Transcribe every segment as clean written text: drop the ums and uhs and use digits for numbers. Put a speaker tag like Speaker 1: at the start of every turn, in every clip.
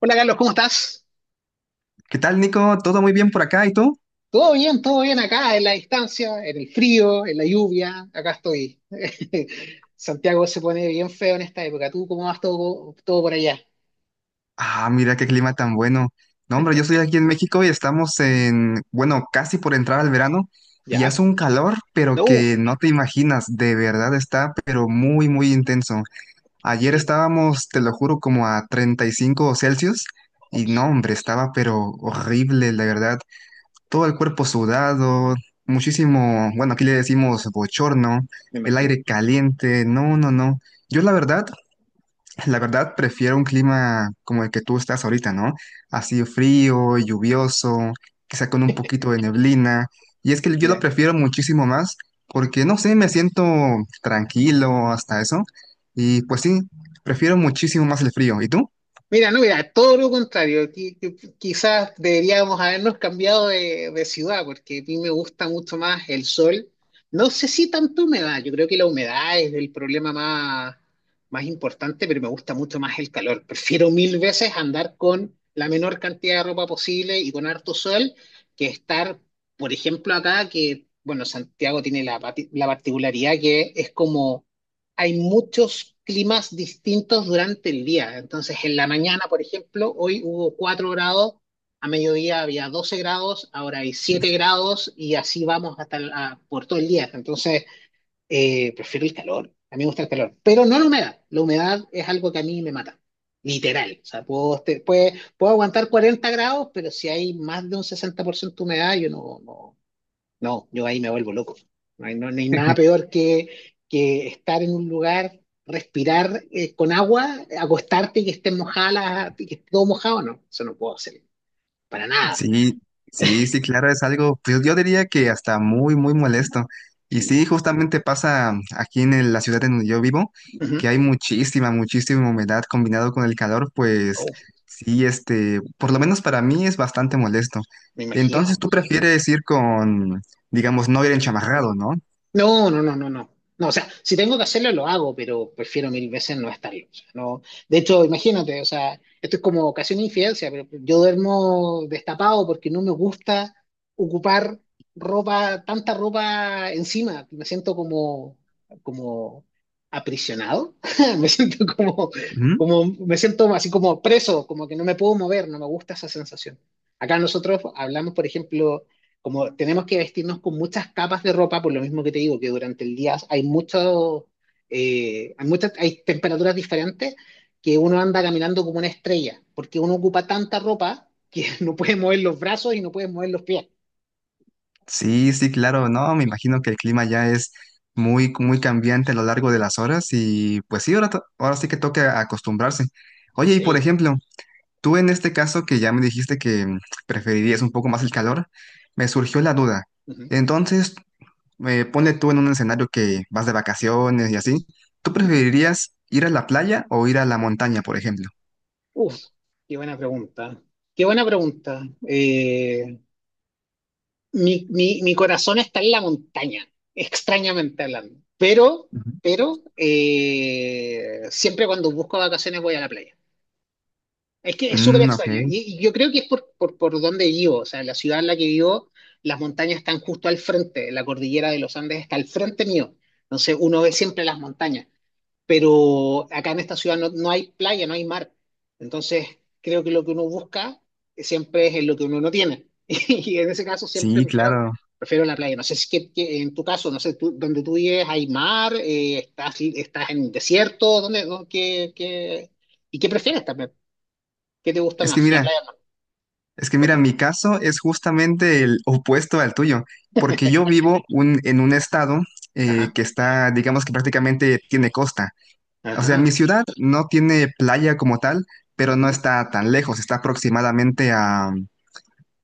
Speaker 1: Hola Carlos, ¿cómo estás?
Speaker 2: ¿Qué tal, Nico? ¿Todo muy bien por acá? ¿Y tú?
Speaker 1: Todo bien acá, en la distancia, en el frío, en la lluvia, acá estoy. Santiago se pone bien feo en esta época. ¿Tú cómo vas todo, todo por allá?
Speaker 2: Ah, mira qué clima tan bueno. No, hombre, yo estoy aquí en México y estamos en, bueno, casi por entrar al verano y
Speaker 1: ¿Ya?
Speaker 2: hace un calor, pero
Speaker 1: No, uf,
Speaker 2: que no te imaginas, de verdad está, pero muy, muy intenso. Ayer
Speaker 1: qué-
Speaker 2: estábamos, te lo juro, como a 35 °C y no,
Speaker 1: ups,
Speaker 2: hombre, estaba pero horrible, la verdad. Todo el cuerpo sudado, muchísimo, bueno, aquí le decimos bochorno,
Speaker 1: me
Speaker 2: el
Speaker 1: imagino.
Speaker 2: aire caliente, no, no, no. Yo la verdad La verdad, prefiero un clima como el que tú estás ahorita, ¿no? Así frío, lluvioso, quizá con un poquito de neblina. Y es que yo lo prefiero muchísimo más porque, no sé, me siento tranquilo hasta eso. Y pues sí, prefiero muchísimo más el frío. ¿Y tú?
Speaker 1: Mira, no, mira, todo lo contrario. Quizás deberíamos habernos cambiado de ciudad, porque a mí me gusta mucho más el sol. No sé si tanto humedad, yo creo que la humedad es el problema más importante, pero me gusta mucho más el calor. Prefiero mil veces andar con la menor cantidad de ropa posible y con harto sol que estar, por ejemplo, acá, que, bueno, Santiago tiene la particularidad que es como hay muchos climas distintos durante el día. Entonces, en la mañana, por ejemplo, hoy hubo 4 grados, a mediodía había 12 grados, ahora hay 7 grados y así vamos hasta por todo el día. Entonces, prefiero el calor, a mí me gusta el calor, pero no la humedad. La humedad es algo que a mí me mata. Literal, o sea, puedo aguantar 40 grados, pero si hay más de un 60% de humedad, yo no, no, no, yo ahí me vuelvo loco. No hay nada peor que estar en un lugar, respirar con agua, acostarte y que esté mojada, y que esté todo mojado, no. Eso no puedo hacer. Para nada.
Speaker 2: Sí, sí, sí, claro, es algo, pues yo diría que hasta muy, muy molesto. Y
Speaker 1: Sí.
Speaker 2: sí, justamente pasa aquí la ciudad en donde yo vivo,
Speaker 1: Ujú.
Speaker 2: que hay muchísima, muchísima humedad combinado con el calor, pues
Speaker 1: Oh,
Speaker 2: sí, este, por lo menos para mí es bastante molesto.
Speaker 1: me
Speaker 2: Entonces,
Speaker 1: imagino.
Speaker 2: ¿tú prefieres ir con, digamos, no ir enchamarrado, no?
Speaker 1: No, no, no, no, no. No, o sea, si tengo que hacerlo, lo hago, pero prefiero mil veces no estarlo. O sea, no. De hecho, imagínate, o sea, esto es como casi una infidencia, pero yo duermo destapado porque no me gusta ocupar ropa, tanta ropa encima. Me siento como aprisionado. Me siento como,
Speaker 2: Ujú.
Speaker 1: me siento así como preso, como que no me puedo mover, no me gusta esa sensación. Acá nosotros hablamos, por ejemplo, como tenemos que vestirnos con muchas capas de ropa, por lo mismo que te digo, que durante el día hay mucho, hay muchas, hay temperaturas diferentes, que uno anda caminando como una estrella, porque uno ocupa tanta ropa que no puede mover los brazos y no puede mover los pies.
Speaker 2: Sí, sí, claro, no, me imagino que el clima ya es muy, muy cambiante a lo largo de las horas y pues sí, ahora, ahora sí que toca acostumbrarse. Oye, y por
Speaker 1: Sí.
Speaker 2: ejemplo, tú en este caso que ya me dijiste que preferirías un poco más el calor, me surgió la duda.
Speaker 1: Ujú,
Speaker 2: Entonces, ponle tú en un escenario que vas de vacaciones y así, ¿tú
Speaker 1: ujú.
Speaker 2: preferirías ir a la playa o ir a la montaña, por ejemplo?
Speaker 1: Uf, qué buena pregunta. Qué buena pregunta. Mi corazón está en la montaña, extrañamente hablando. Pero,
Speaker 2: Ujú.
Speaker 1: pero, eh, siempre cuando busco vacaciones voy a la playa. Es que es súper
Speaker 2: Mm, ok,
Speaker 1: extraño. Y yo creo que es por donde vivo, o sea, la ciudad en la que vivo, las montañas están justo al frente, la cordillera de los Andes está al frente mío. Entonces uno ve siempre las montañas, pero acá en esta ciudad no hay playa, no hay mar. Entonces creo que lo que uno busca siempre es en lo que uno no tiene. Y en ese caso siempre
Speaker 2: sí,
Speaker 1: prefiero,
Speaker 2: claro.
Speaker 1: prefiero la playa. No sé si que en tu caso, no sé, donde tú vives hay mar, estás en desierto, ¿y qué prefieres también? ¿Qué te gusta
Speaker 2: Es que
Speaker 1: más? ¿La
Speaker 2: mira,
Speaker 1: playa o no?
Speaker 2: es que mira,
Speaker 1: Cuéntame.
Speaker 2: mi caso es justamente el opuesto al tuyo, porque yo vivo en un estado
Speaker 1: Ajá,
Speaker 2: que está, digamos que prácticamente tiene costa. O sea, mi
Speaker 1: ajá.
Speaker 2: ciudad no tiene playa como tal, pero no
Speaker 1: Ujú.
Speaker 2: está tan lejos, está aproximadamente a,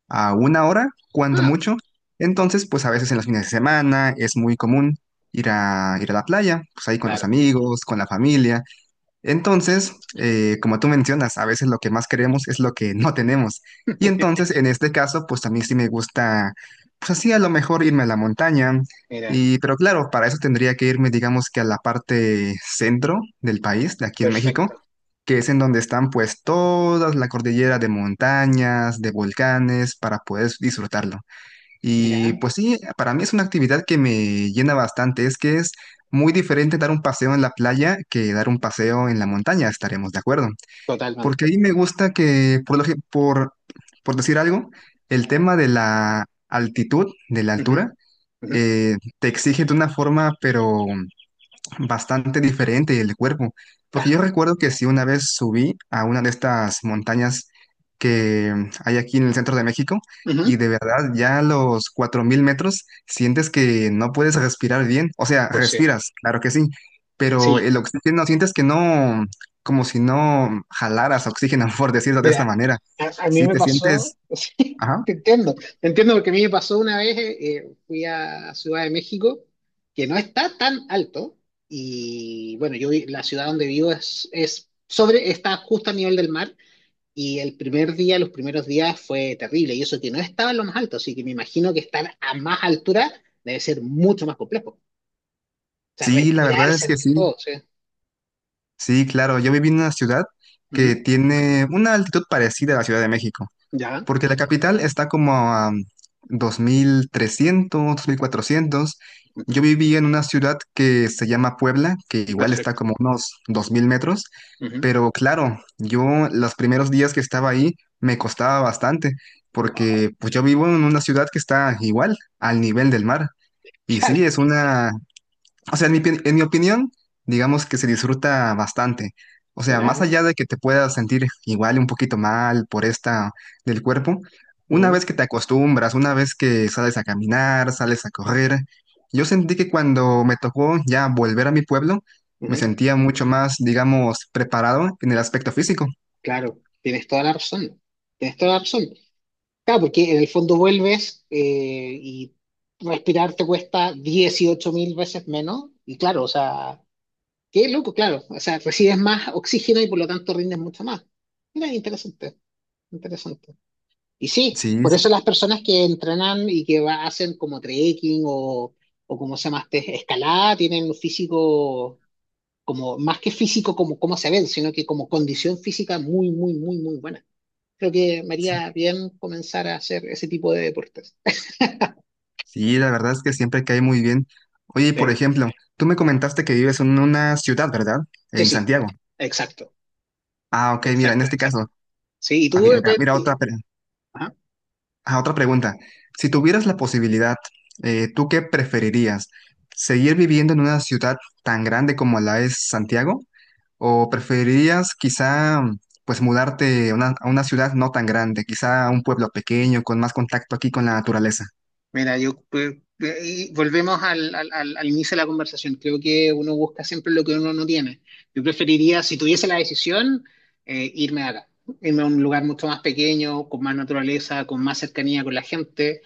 Speaker 2: a una hora, cuando
Speaker 1: Ah,
Speaker 2: mucho. Entonces, pues a veces en los fines de semana es muy común ir a la playa, pues ahí con los
Speaker 1: claro.
Speaker 2: amigos, con la familia. Entonces, como tú mencionas, a veces lo que más queremos es lo que no tenemos. Y entonces, en este caso, pues a mí sí me gusta, pues así a lo mejor irme a la montaña.
Speaker 1: Mira,
Speaker 2: Pero claro, para eso tendría que irme, digamos que a la parte centro del país, de aquí en México,
Speaker 1: perfecto.
Speaker 2: que es en donde están pues toda la cordillera de montañas, de volcanes, para poder disfrutarlo. Y
Speaker 1: Mira,
Speaker 2: pues sí, para mí es una actividad que me llena bastante. Es que es muy diferente dar un paseo en la playa que dar un paseo en la montaña, estaremos de acuerdo. Porque
Speaker 1: totalmente.
Speaker 2: ahí me gusta que, por, lo gen- por decir algo, el tema de la altitud, de la
Speaker 1: Ujú,
Speaker 2: altura,
Speaker 1: ujú,
Speaker 2: te exige de una forma, pero bastante diferente el cuerpo, porque
Speaker 1: claro.
Speaker 2: yo recuerdo que sí una vez subí a una de estas montañas que hay aquí en el centro de México y
Speaker 1: Ujú,
Speaker 2: de verdad ya a los 4000 metros sientes que no puedes respirar bien, o sea,
Speaker 1: pues sí.
Speaker 2: respiras, claro que sí, pero
Speaker 1: Sí.
Speaker 2: el oxígeno sientes que no, como si no jalaras oxígeno, por decirlo de esta
Speaker 1: Mira,
Speaker 2: manera,
Speaker 1: a mí
Speaker 2: sí
Speaker 1: me
Speaker 2: te
Speaker 1: pasó,
Speaker 2: sientes,
Speaker 1: sí,
Speaker 2: ajá,
Speaker 1: te entiendo porque a mí me pasó una vez, fui a Ciudad de México, que no está tan alto, y bueno, la ciudad donde vivo está justo a nivel del mar. Y el primer día, los primeros días fue terrible, y eso que no estaba en lo más alto, así que me imagino que estar a más altura debe ser mucho más complejo. O sea,
Speaker 2: sí, la
Speaker 1: respirar,
Speaker 2: verdad es que
Speaker 1: sentir
Speaker 2: sí,
Speaker 1: todo, sí.
Speaker 2: sí, claro, yo viví en una ciudad
Speaker 1: Ujú,
Speaker 2: que tiene una altitud parecida a la Ciudad de México.
Speaker 1: ya,
Speaker 2: Porque la capital está como a 2300, 2400. Yo
Speaker 1: ujú,
Speaker 2: vivía en una ciudad que se llama Puebla, que igual está
Speaker 1: perfecto.
Speaker 2: como unos 2000 metros,
Speaker 1: Ujú.
Speaker 2: pero claro, yo los primeros días que estaba ahí me costaba bastante,
Speaker 1: Wow,
Speaker 2: porque pues yo vivo en una ciudad que está igual al nivel del mar. Y
Speaker 1: claro,
Speaker 2: sí, es una o sea, en mi opinión, digamos que se disfruta bastante. O sea,
Speaker 1: mira,
Speaker 2: más allá de que te puedas sentir igual un poquito mal por esta del cuerpo, una
Speaker 1: ujú,
Speaker 2: vez que te acostumbras, una vez que sales a caminar, sales a correr, yo sentí que cuando me tocó ya volver a mi pueblo, me
Speaker 1: ujú,
Speaker 2: sentía mucho más, digamos, preparado en el aspecto físico.
Speaker 1: claro, tienes toda la razón, tienes toda la razón. Claro, porque en el fondo vuelves y respirar te cuesta 18.000 veces menos, y claro, o sea, qué loco, claro. O sea, recibes más oxígeno y por lo tanto rindes mucho más. Mira, interesante, interesante. Y sí,
Speaker 2: Sí,
Speaker 1: por eso las personas que entrenan y que hacen como trekking o como se llama, este, escalada, tienen un físico como, más que físico como cómo se ven, sino que como condición física muy, muy, muy, muy buena. Creo que me
Speaker 2: sí,
Speaker 1: haría bien comenzar a hacer ese tipo de deportes.
Speaker 2: sí, la verdad es que siempre cae muy bien. Oye, y por
Speaker 1: Sí.
Speaker 2: ejemplo, tú me comentaste que vives en una ciudad, ¿verdad?
Speaker 1: Sí,
Speaker 2: En
Speaker 1: sí,
Speaker 2: Santiago.
Speaker 1: exacto,
Speaker 2: Ah, ok, mira, en
Speaker 1: exacto,
Speaker 2: este
Speaker 1: exacto.
Speaker 2: caso,
Speaker 1: Sí, y
Speaker 2: ah,
Speaker 1: tú,
Speaker 2: mira, mira,
Speaker 1: pues,
Speaker 2: mira
Speaker 1: ajá.
Speaker 2: otra pregunta. Si tuvieras la posibilidad, ¿tú qué preferirías? ¿Seguir viviendo en una ciudad tan grande como la es Santiago? ¿O preferirías quizá pues mudarte a una ciudad no tan grande, quizá a un pueblo pequeño con más contacto aquí con la naturaleza?
Speaker 1: Mira, yo y volvemos al inicio de la conversación. Creo que uno busca siempre lo que uno no tiene. Yo preferiría, si tuviese la decisión, irme de acá, irme a un lugar mucho más pequeño, con más naturaleza, con más cercanía con la gente,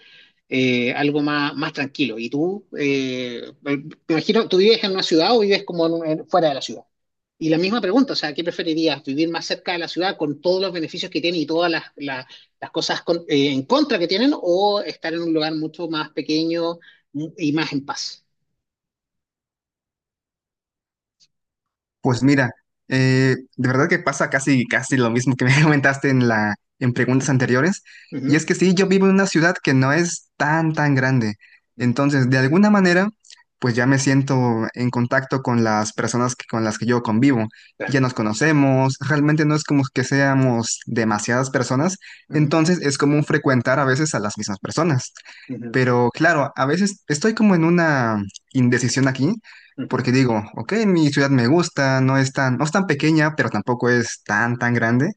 Speaker 1: algo más tranquilo. ¿Y tú? Me imagino, ¿tú vives en una ciudad o vives como en fuera de la ciudad? Y la misma pregunta, o sea, ¿qué preferirías? ¿Vivir más cerca de la ciudad con todos los beneficios que tiene y todas las las cosas en contra que tienen o estar en un lugar mucho más pequeño y más en paz.
Speaker 2: Pues mira, de verdad que pasa casi, casi lo mismo que me comentaste en preguntas anteriores. Y
Speaker 1: Ujú,
Speaker 2: es que sí, yo vivo en una ciudad que no es tan, tan grande.
Speaker 1: ujú,
Speaker 2: Entonces, de alguna manera, pues ya me siento en contacto con las personas con las que yo convivo. Ya
Speaker 1: claro.
Speaker 2: nos conocemos, realmente no es como que seamos demasiadas personas.
Speaker 1: Ujú,
Speaker 2: Entonces, es común frecuentar a veces a las mismas personas.
Speaker 1: ujú,
Speaker 2: Pero claro, a veces estoy como en una indecisión aquí
Speaker 1: ujú,
Speaker 2: porque digo, ok, mi ciudad me gusta, no es tan pequeña, pero tampoco es tan, tan grande.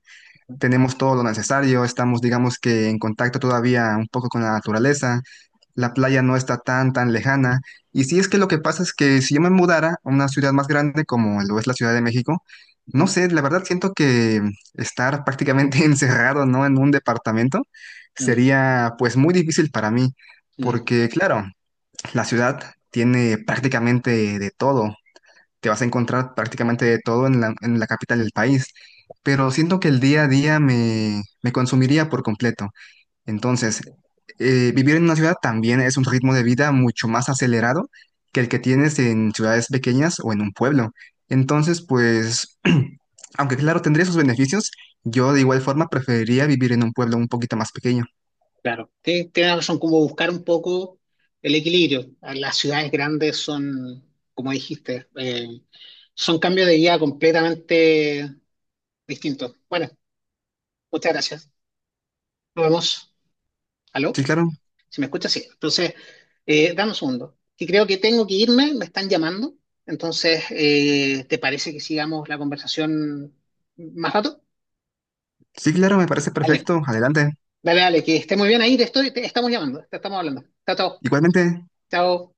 Speaker 2: Tenemos todo lo necesario, estamos, digamos que en contacto todavía un poco con la naturaleza, la
Speaker 1: ujú,
Speaker 2: playa no está tan, tan lejana. Y si es que lo que pasa es que si yo me mudara a una ciudad más grande como lo es la Ciudad de México, no
Speaker 1: ujú,
Speaker 2: sé, la verdad siento que estar prácticamente encerrado, ¿no? En un departamento
Speaker 1: mm,
Speaker 2: sería pues muy difícil para mí,
Speaker 1: mm,
Speaker 2: porque claro, la ciudad tiene prácticamente de todo. Te vas a encontrar prácticamente de todo en la capital del país, pero siento que el día a día me consumiría por completo. Entonces, vivir en una ciudad también es un ritmo de vida mucho más acelerado que el que tienes en ciudades pequeñas o en un pueblo. Entonces, pues, aunque claro, tendría sus beneficios, yo de igual forma preferiría vivir en un pueblo un poquito más pequeño.
Speaker 1: claro. Tienes razón, como buscar un poco el equilibrio. Las ciudades grandes son, como dijiste, son cambios de vida completamente distintos. Bueno, muchas gracias. Nos vemos.
Speaker 2: Sí,
Speaker 1: ¿Aló?
Speaker 2: claro,
Speaker 1: Si me escuchas, sí. Entonces, dame un segundo. Que creo que tengo que irme, me están llamando. Entonces, ¿te parece que sigamos la conversación más rato?
Speaker 2: sí, claro, me parece
Speaker 1: Dale,
Speaker 2: perfecto. Adelante.
Speaker 1: dale, dale, que esté muy bien ahí, te estoy, te estamos llamando, te estamos hablando. Chao, chao.
Speaker 2: Igualmente.
Speaker 1: Chao.